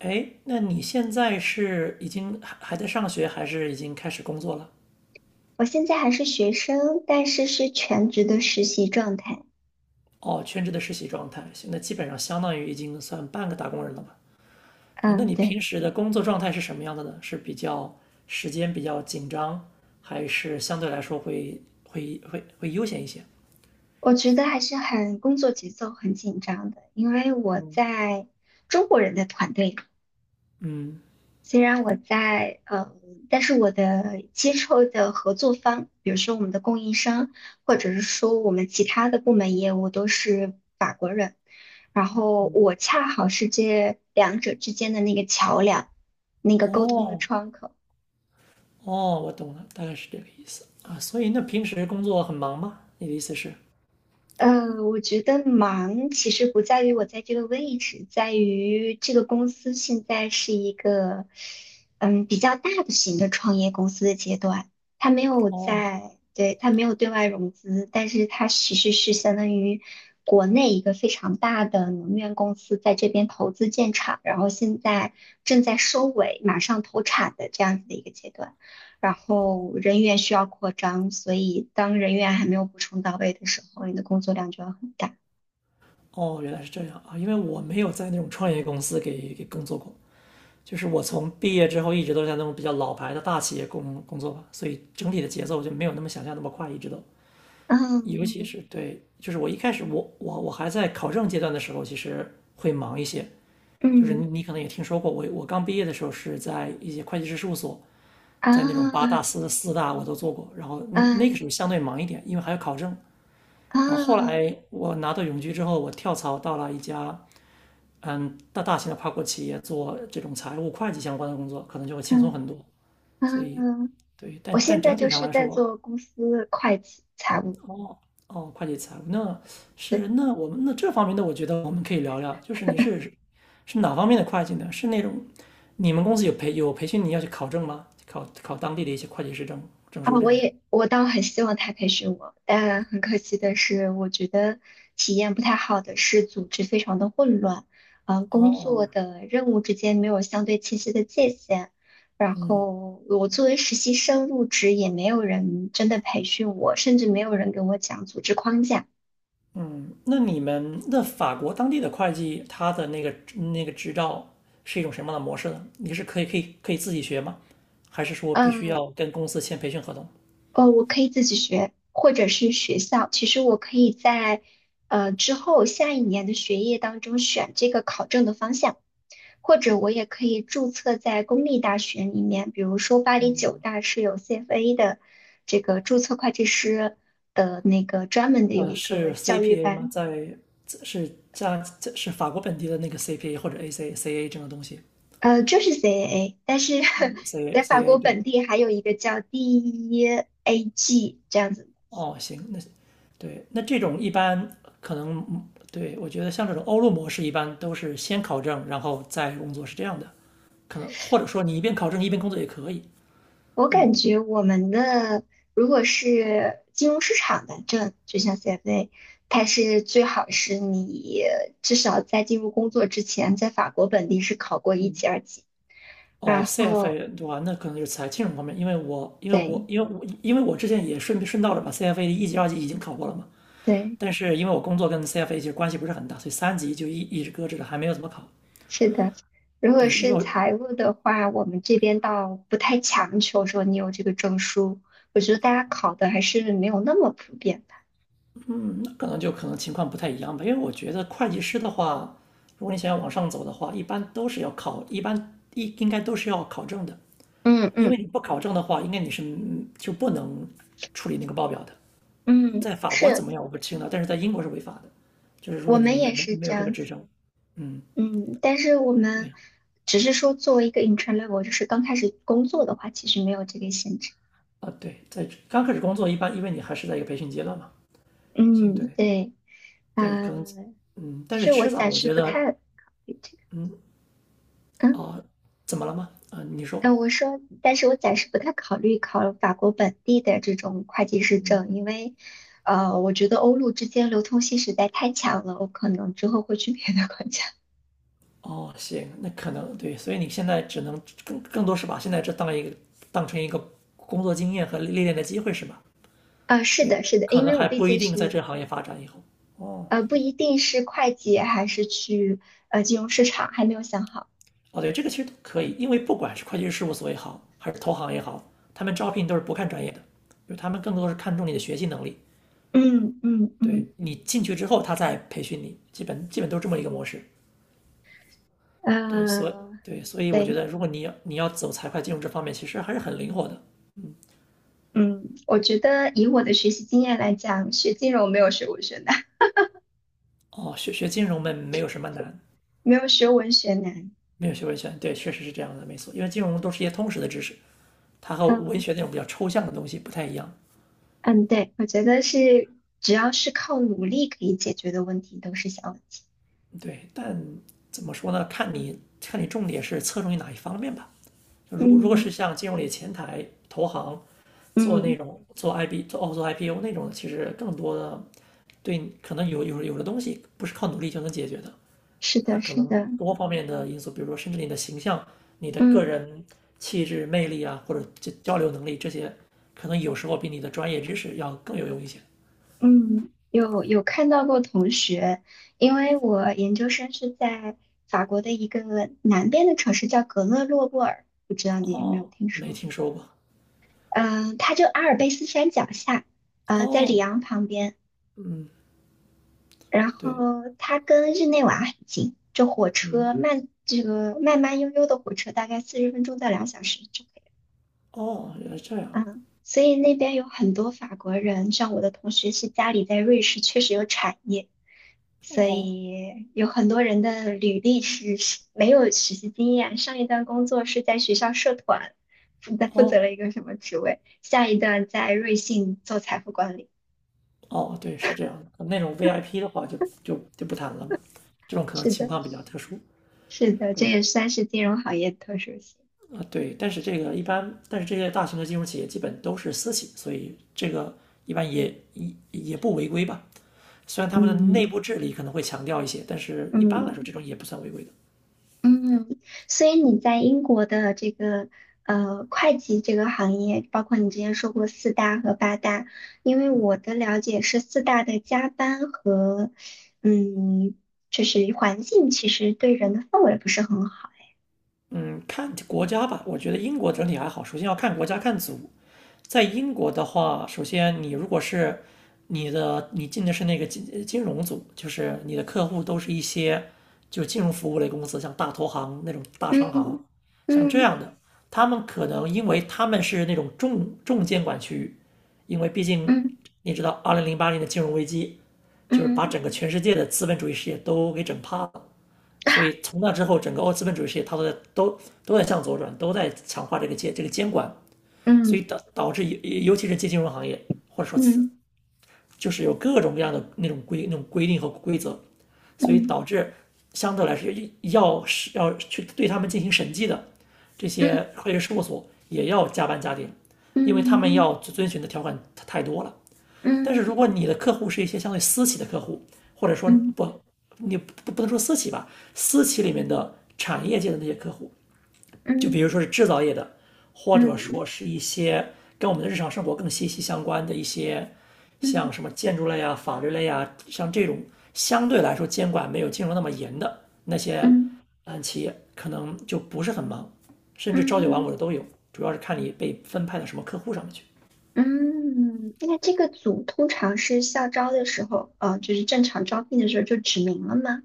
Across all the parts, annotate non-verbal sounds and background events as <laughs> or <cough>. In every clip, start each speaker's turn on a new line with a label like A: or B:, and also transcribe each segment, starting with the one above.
A: 哎，那你现在是已经还在上学，还是已经开始工作了？
B: 我现在还是学生，但是是全职的实习状态。
A: 哦，全职的实习状态，行那基本上相当于已经算半个打工人了吧？对，那
B: 嗯，
A: 你平
B: 对，
A: 时的工作状态是什么样的呢？是比较时间比较紧张，还是相对来说会悠闲一些？
B: 我觉得还是很工作节奏很紧张的，因为我在中国人的团队，
A: 嗯，
B: 虽然我在但是我的接触的合作方，比如说我们的供应商，或者是说我们其他的部门业务都是法国人，然后我恰好是这两者之间的那个桥梁，那个沟通的
A: 哦
B: 窗口。
A: 哦，我懂了，大概是这个意思啊。所以那平时工作很忙吗？你的意思是？
B: 我觉得忙其实不在于我在这个位置，在于这个公司现在是一个比较大的型的创业公司的阶段，它没有
A: 哦
B: 在，对，它没有对外融资，但是它其实是相当于国内一个非常大的能源公司在这边投资建厂，然后现在正在收尾，马上投产的这样子的一个阶段。然后人员需要扩张，所以当人员还没有补充到位的时候，你的工作量就要很大。
A: 哦，原来是这样啊，因为我没有在那种创业公司给工作过，就是我从毕业之后一直都在那种比较老牌的大企业工作吧，所以整体的节奏就没有那么想象那么快，一直都。
B: 嗯
A: 尤其
B: 嗯
A: 是对，就是我一开始我还在考证阶段的时候，其实会忙一些。就是你
B: 嗯，
A: 你可能也听说过，我刚毕业的时候是在一些会计师事务所，在那种八大
B: 啊，
A: 四大我都做过，然后嗯那个时候
B: 嗯，
A: 相对忙一点，因为还要考证。然后后
B: 啊，
A: 来我拿到永居之后，我跳槽到了一家嗯大型的跨国企业做这种财务会计相关的工作，可能就会轻松
B: 嗯
A: 很多。所以
B: 嗯，
A: 对，
B: 我
A: 但但
B: 现
A: 整
B: 在
A: 体
B: 就
A: 上
B: 是
A: 来
B: 在
A: 说，
B: 做公司会计财务。
A: 哦，哦，会计财务那是
B: 对。
A: 那我们那这方面的，我觉得我们可以聊聊，就是你是是哪方面的会计呢？是那种你们公司有培训你要去考证吗？考当地的一些会计师证证
B: 啊，
A: 书这
B: 我
A: 样的？
B: 也我倒很希望他培训我，但很可惜的是，我觉得体验不太好的是组织非常的混乱，工作
A: 哦，
B: 的任务之间没有相对清晰的界限，然后我作为实习生入职也没有人真的培训我，甚至没有人跟我讲组织框架。
A: 嗯，那你们那法国当地的会计，他的那个那个执照是一种什么样的模式呢？你是可以自己学吗？还是说必须
B: 嗯，
A: 要跟公司签培训合同？
B: 哦，我可以自己学，或者是学校。其实我可以在之后下一年的学业当中选这个考证的方向，或者我也可以注册在公立大学里面，比如说巴黎九大是有 CFA 的这个注册会计师的那个专门的有
A: 呃，
B: 一个
A: 是
B: 教育
A: CPA 吗？
B: 班，
A: 在是加这是法国本地的那个 CPA 或者 AC CA 这种东西
B: 就是 CAA，但是 <laughs>
A: ，CA
B: 在法国
A: CA 对。
B: 本地还有一个叫 DEAG 这样子。
A: 哦，行，那对，那这种一般可能嗯对我觉得像这种欧陆模式一般都是先考证，然后再工作是这样的，可能或者说你一边考证一边工作也可以。
B: 我感觉我们的如果是金融市场的证，就像 CFA，它是最好是你至少在进入工作之前，在法国本地是考过一级、二级。
A: 哦
B: 然后，
A: ，CFA 对吧？那可能就是财金融方面，因为我因为我
B: 对
A: 因为我因为我之前也顺顺道的把 CFA 的一级、二级已经考过了嘛，
B: 对，
A: 但是因为我工作跟 CFA 其实关系不是很大，所以三级就一直搁置着，还没有怎么考。
B: 是的。如果
A: 对，因为
B: 是
A: 我
B: 财务的话，我们这边倒不太强求说你有这个证书，我觉得大家考的还是没有那么普遍吧。
A: 那可能就可能情况不太一样吧，因为我觉得会计师的话，如果你想要往上走的话，一般都是要考，一般应该都是要考证的，
B: 嗯
A: 因为
B: 嗯
A: 你不考证的话，应该你是嗯就不能处理那个报表的。
B: 嗯，
A: 在法国怎
B: 是，
A: 么样我不清了，但是在英国是违法的，就是如
B: 我
A: 果你
B: 们
A: 没
B: 也
A: 没
B: 是
A: 没
B: 这
A: 有这个
B: 样。
A: 执
B: 子。
A: 照，嗯，
B: 嗯，但是我
A: 对
B: 们
A: 啊，
B: 只是说作为一个 intern level，就是刚开始工作的话，其实没有这个限制。
A: 啊对，在刚开始工作一般，因为你还是在一个培训阶段嘛，行，
B: 嗯，
A: 对，
B: 对，
A: 对，可能，
B: 呃，
A: 嗯，
B: 就
A: 但是
B: 是我
A: 迟早
B: 暂
A: 我
B: 时
A: 觉
B: 不
A: 得，
B: 太考虑这个。
A: 嗯，
B: 嗯，
A: 哦，怎么了吗？啊、你说，
B: 我说，但是我暂时不太考虑考法国本地的这种会计师证，因为，我觉得欧陆之间流通性实在太强了，我可能之后会去别的国家。
A: 哦，行，那可能对，所以你现在只能更多是把现在这当一个当成一个工作经验和历练的机会是吧？
B: <laughs> 啊，是
A: 对，
B: 的，是的，
A: 可
B: 因
A: 能
B: 为我
A: 还
B: 毕
A: 不一
B: 竟
A: 定在
B: 是，
A: 这个行业发展以后。哦，
B: 不一定是会计，还是去金融市场，还没有想好。
A: 哦，对，这个其实都可以，因为不管是会计师事务所也好，还是投行也好，他们招聘都是不看专业的，就是他们更多是看重你的学习能力。
B: 嗯嗯
A: 对，
B: 嗯，
A: 你进去之后，他再培训你，基本都是这么一个模式。对，所以
B: 呃，
A: 对，所以我觉
B: 对，
A: 得，如果你要走财会金融这方面，其实还是很灵活的。
B: 嗯，我觉得以我的学习经验来讲，学金融没有学文学难，
A: 哦，学金融没有什么难，
B: <laughs> 没有学文学难。
A: 没有学文学，对，确实是这样的，没错。因为金融都是一些通识的知识，它和文
B: 嗯
A: 学那种比较抽象的东西不太一样。
B: 嗯，对，我觉得是只要是靠努力可以解决的问题都是小问题。
A: 对，但怎么说呢？看你重点是侧重于哪一方面吧。如果如果是
B: 嗯
A: 像金融里前台、投行做那
B: 嗯，
A: 种做 IB 做哦做 IPO 那种，的，其实更多的对可能有的东西不是靠努力就能解决的。
B: 是
A: 它
B: 的，
A: 可
B: 是
A: 能
B: 的，
A: 多方面的因素，比如说甚至你的形象、你的个
B: 嗯
A: 人气质、魅力啊，或者这交流能力这些，可能有时候比你的专业知识要更有用一些。
B: 嗯，有有看到过同学，因为我研究生是在法国的一个南边的城市叫格勒诺布尔，不知道你有没有
A: 哦，
B: 听
A: 没
B: 说？
A: 听说过。
B: 嗯、它就阿尔卑斯山脚下，在里
A: 哦，
B: 昂旁边。
A: 嗯，
B: 然后
A: 对，
B: 它跟日内瓦很近，这火
A: 嗯，
B: 车慢，这个慢慢悠悠的火车大概40分钟到2小时就可以。
A: 哦，原来是这样。
B: 嗯，所以那边有很多法国人，像我的同学是家里在瑞士，确实有产业，所
A: 哦，
B: 以有很多人的履历是没有实习经验，上一段工作是在学校社团负责
A: 哦，
B: 了一个什么职位，下一段在瑞幸做财富管理。
A: 哦，对，是这样的。那种 VIP 的话就，就就不谈了嘛。这种可能
B: 是
A: 情
B: 的。
A: 况比较特殊。
B: 是的，这
A: 对，
B: 也算是金融行业的特殊性。
A: 啊，对，但是这个一般，但是这些大型的金融企业基本都是私企，所以这个一般也也也不违规吧。虽然他们的内
B: 嗯
A: 部治理可能会强调一些，但是一般来
B: 嗯
A: 说这种也不算违规的。
B: 嗯，所以你在英国的这个会计这个行业，包括你之前说过四大和八大，因为我的了解是四大的加班和嗯，就是环境其实对人的氛围不是很好。
A: 嗯，看国家吧，我觉得英国整体还好。首先要看国家看组，在英国的话，首先你如果是你的你进的是那个金融组，就是你的客户都是一些就金融服务类公司，像大投行那种大商行，
B: 嗯
A: 像这
B: 嗯
A: 样的，他们可能因为他们是那种重监管区域，因为毕竟
B: 嗯
A: 你知道，2008年的金融危机就是把
B: 嗯
A: 整个全世界的资本主义事业都给整趴了。所以从那之后，整个欧资本主义事业它都在都在向左转，都在强化这个监管，所以
B: 嗯
A: 导致尤其是金融行业或者说此
B: 嗯
A: 就是有各种各样的那种规定和规则，所以
B: 嗯
A: 导致相对来说要是要去对他们进行审计的这些
B: 嗯
A: 会计师事务所也要加班加点，因为他们
B: 嗯
A: 要遵循的条款太多了。但是如
B: 嗯
A: 果你的客户是一些相对私企的客户，或者说
B: 嗯
A: 不，你不能说私企吧，私企里面的产业界的那些客户，就比
B: 嗯
A: 如说是制造业的，或
B: 嗯
A: 者说
B: 嗯
A: 是一些跟我们的日常生活更息息相关的一些，像
B: 嗯。
A: 什么建筑类啊、法律类啊，像这种相对来说监管没有金融那么严的那些，
B: 嗯
A: 嗯，企业可能就不是很忙，甚至朝九晚五的
B: 嗯
A: 都有，主要是看你被分派到什么客户上面去。
B: 嗯，那这个组通常是校招的时候，就是正常招聘的时候就指明了吗？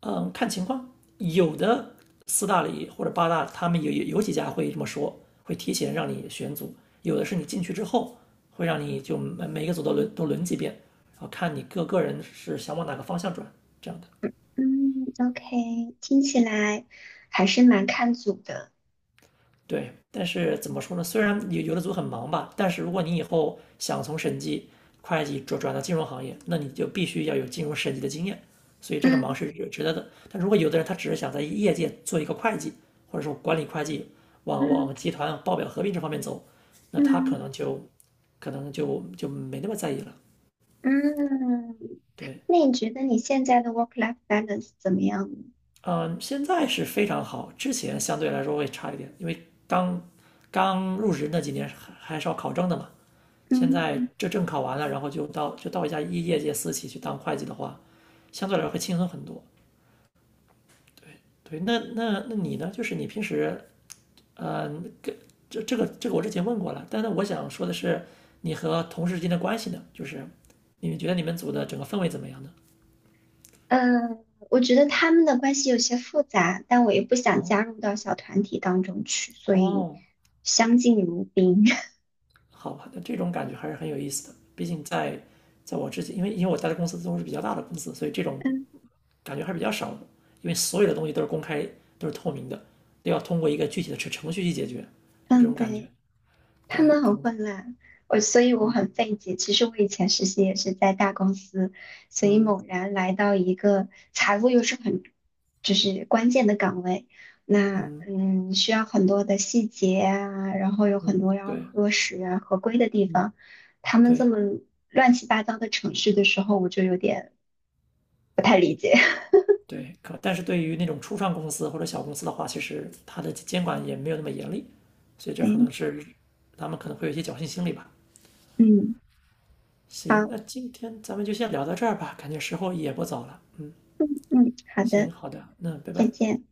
A: 嗯，看情况，有的四大里或者八大，他们有几家会这么说，会提前让你选组；有的是你进去之后，会让你就每个组都轮几遍，然后看你各个人是想往哪个方向转这样的。
B: 嗯，OK，听起来还是蛮看组的。
A: 对，但是怎么说呢？虽然有的组很忙吧，但是如果你以后想从审计、会计转到金融行业，那你就必须要有金融审计的经验，所以这个忙
B: 嗯
A: 是值得的。但如果有的人他只是想在业界做一个会计，或者说管理会计，往往
B: 嗯
A: 集团报表合并这方面走，那他可
B: 嗯
A: 能就可能就没那么在意了。
B: 嗯，
A: 对，
B: 那你觉得你现在的 work-life balance 怎么样呢？
A: 嗯，现在是非常好，之前相对来说会差一点，因为刚刚入职那几年还是要考证的嘛。现
B: 嗯，
A: 在这证考完了，然后就到一家业界私企去当会计的话，相对来说会轻松很多。对，那那你呢？就是你平时，嗯、跟这个我之前问过了，但是我想说的是，你和同事之间的关系呢？就是你们觉得你们组的整个氛围怎么样呢？
B: 呃，我觉得他们的关系有些复杂，但我也不想
A: 哦，
B: 加入到小团体当中去，所以
A: 哦，
B: 相敬如宾。<laughs>
A: 好吧，那这种感觉还是很有意思的。毕竟在在我之前，因为我待的公司都是比较大的公司，所以这种
B: 嗯
A: 感觉还是比较少的，因为所有的东西都是公开、都是透明的，都要通过一个具体的程序去解决，就这
B: 嗯，
A: 种感觉。
B: 对。他
A: 对，
B: 们
A: 可
B: 很
A: 能，
B: 混乱，我所以我
A: 嗯
B: 很费解。其实我以前实习也是在大公司，所以
A: 嗯
B: 猛然来到一个财务又是很就是关键的岗位，那
A: 嗯
B: 需要很多的细节啊，然后有很
A: 嗯，
B: 多要
A: 对，
B: 核实啊合规的地
A: 嗯
B: 方。他们这
A: 对
B: 么乱七八糟的程序的时候，我就有点
A: 对，可但是对于那种初创公司或者小公司的话，其实它的监管也没有那么严厉，所以这可能
B: 哎，
A: 是他们可能会有一些侥幸心理吧。
B: 嗯，
A: 行，
B: 好，
A: 那今天咱们就先聊到这儿吧，感觉时候也不早了。
B: 嗯，好
A: 行，
B: 的，
A: 好的，那拜
B: 再
A: 拜。
B: 见。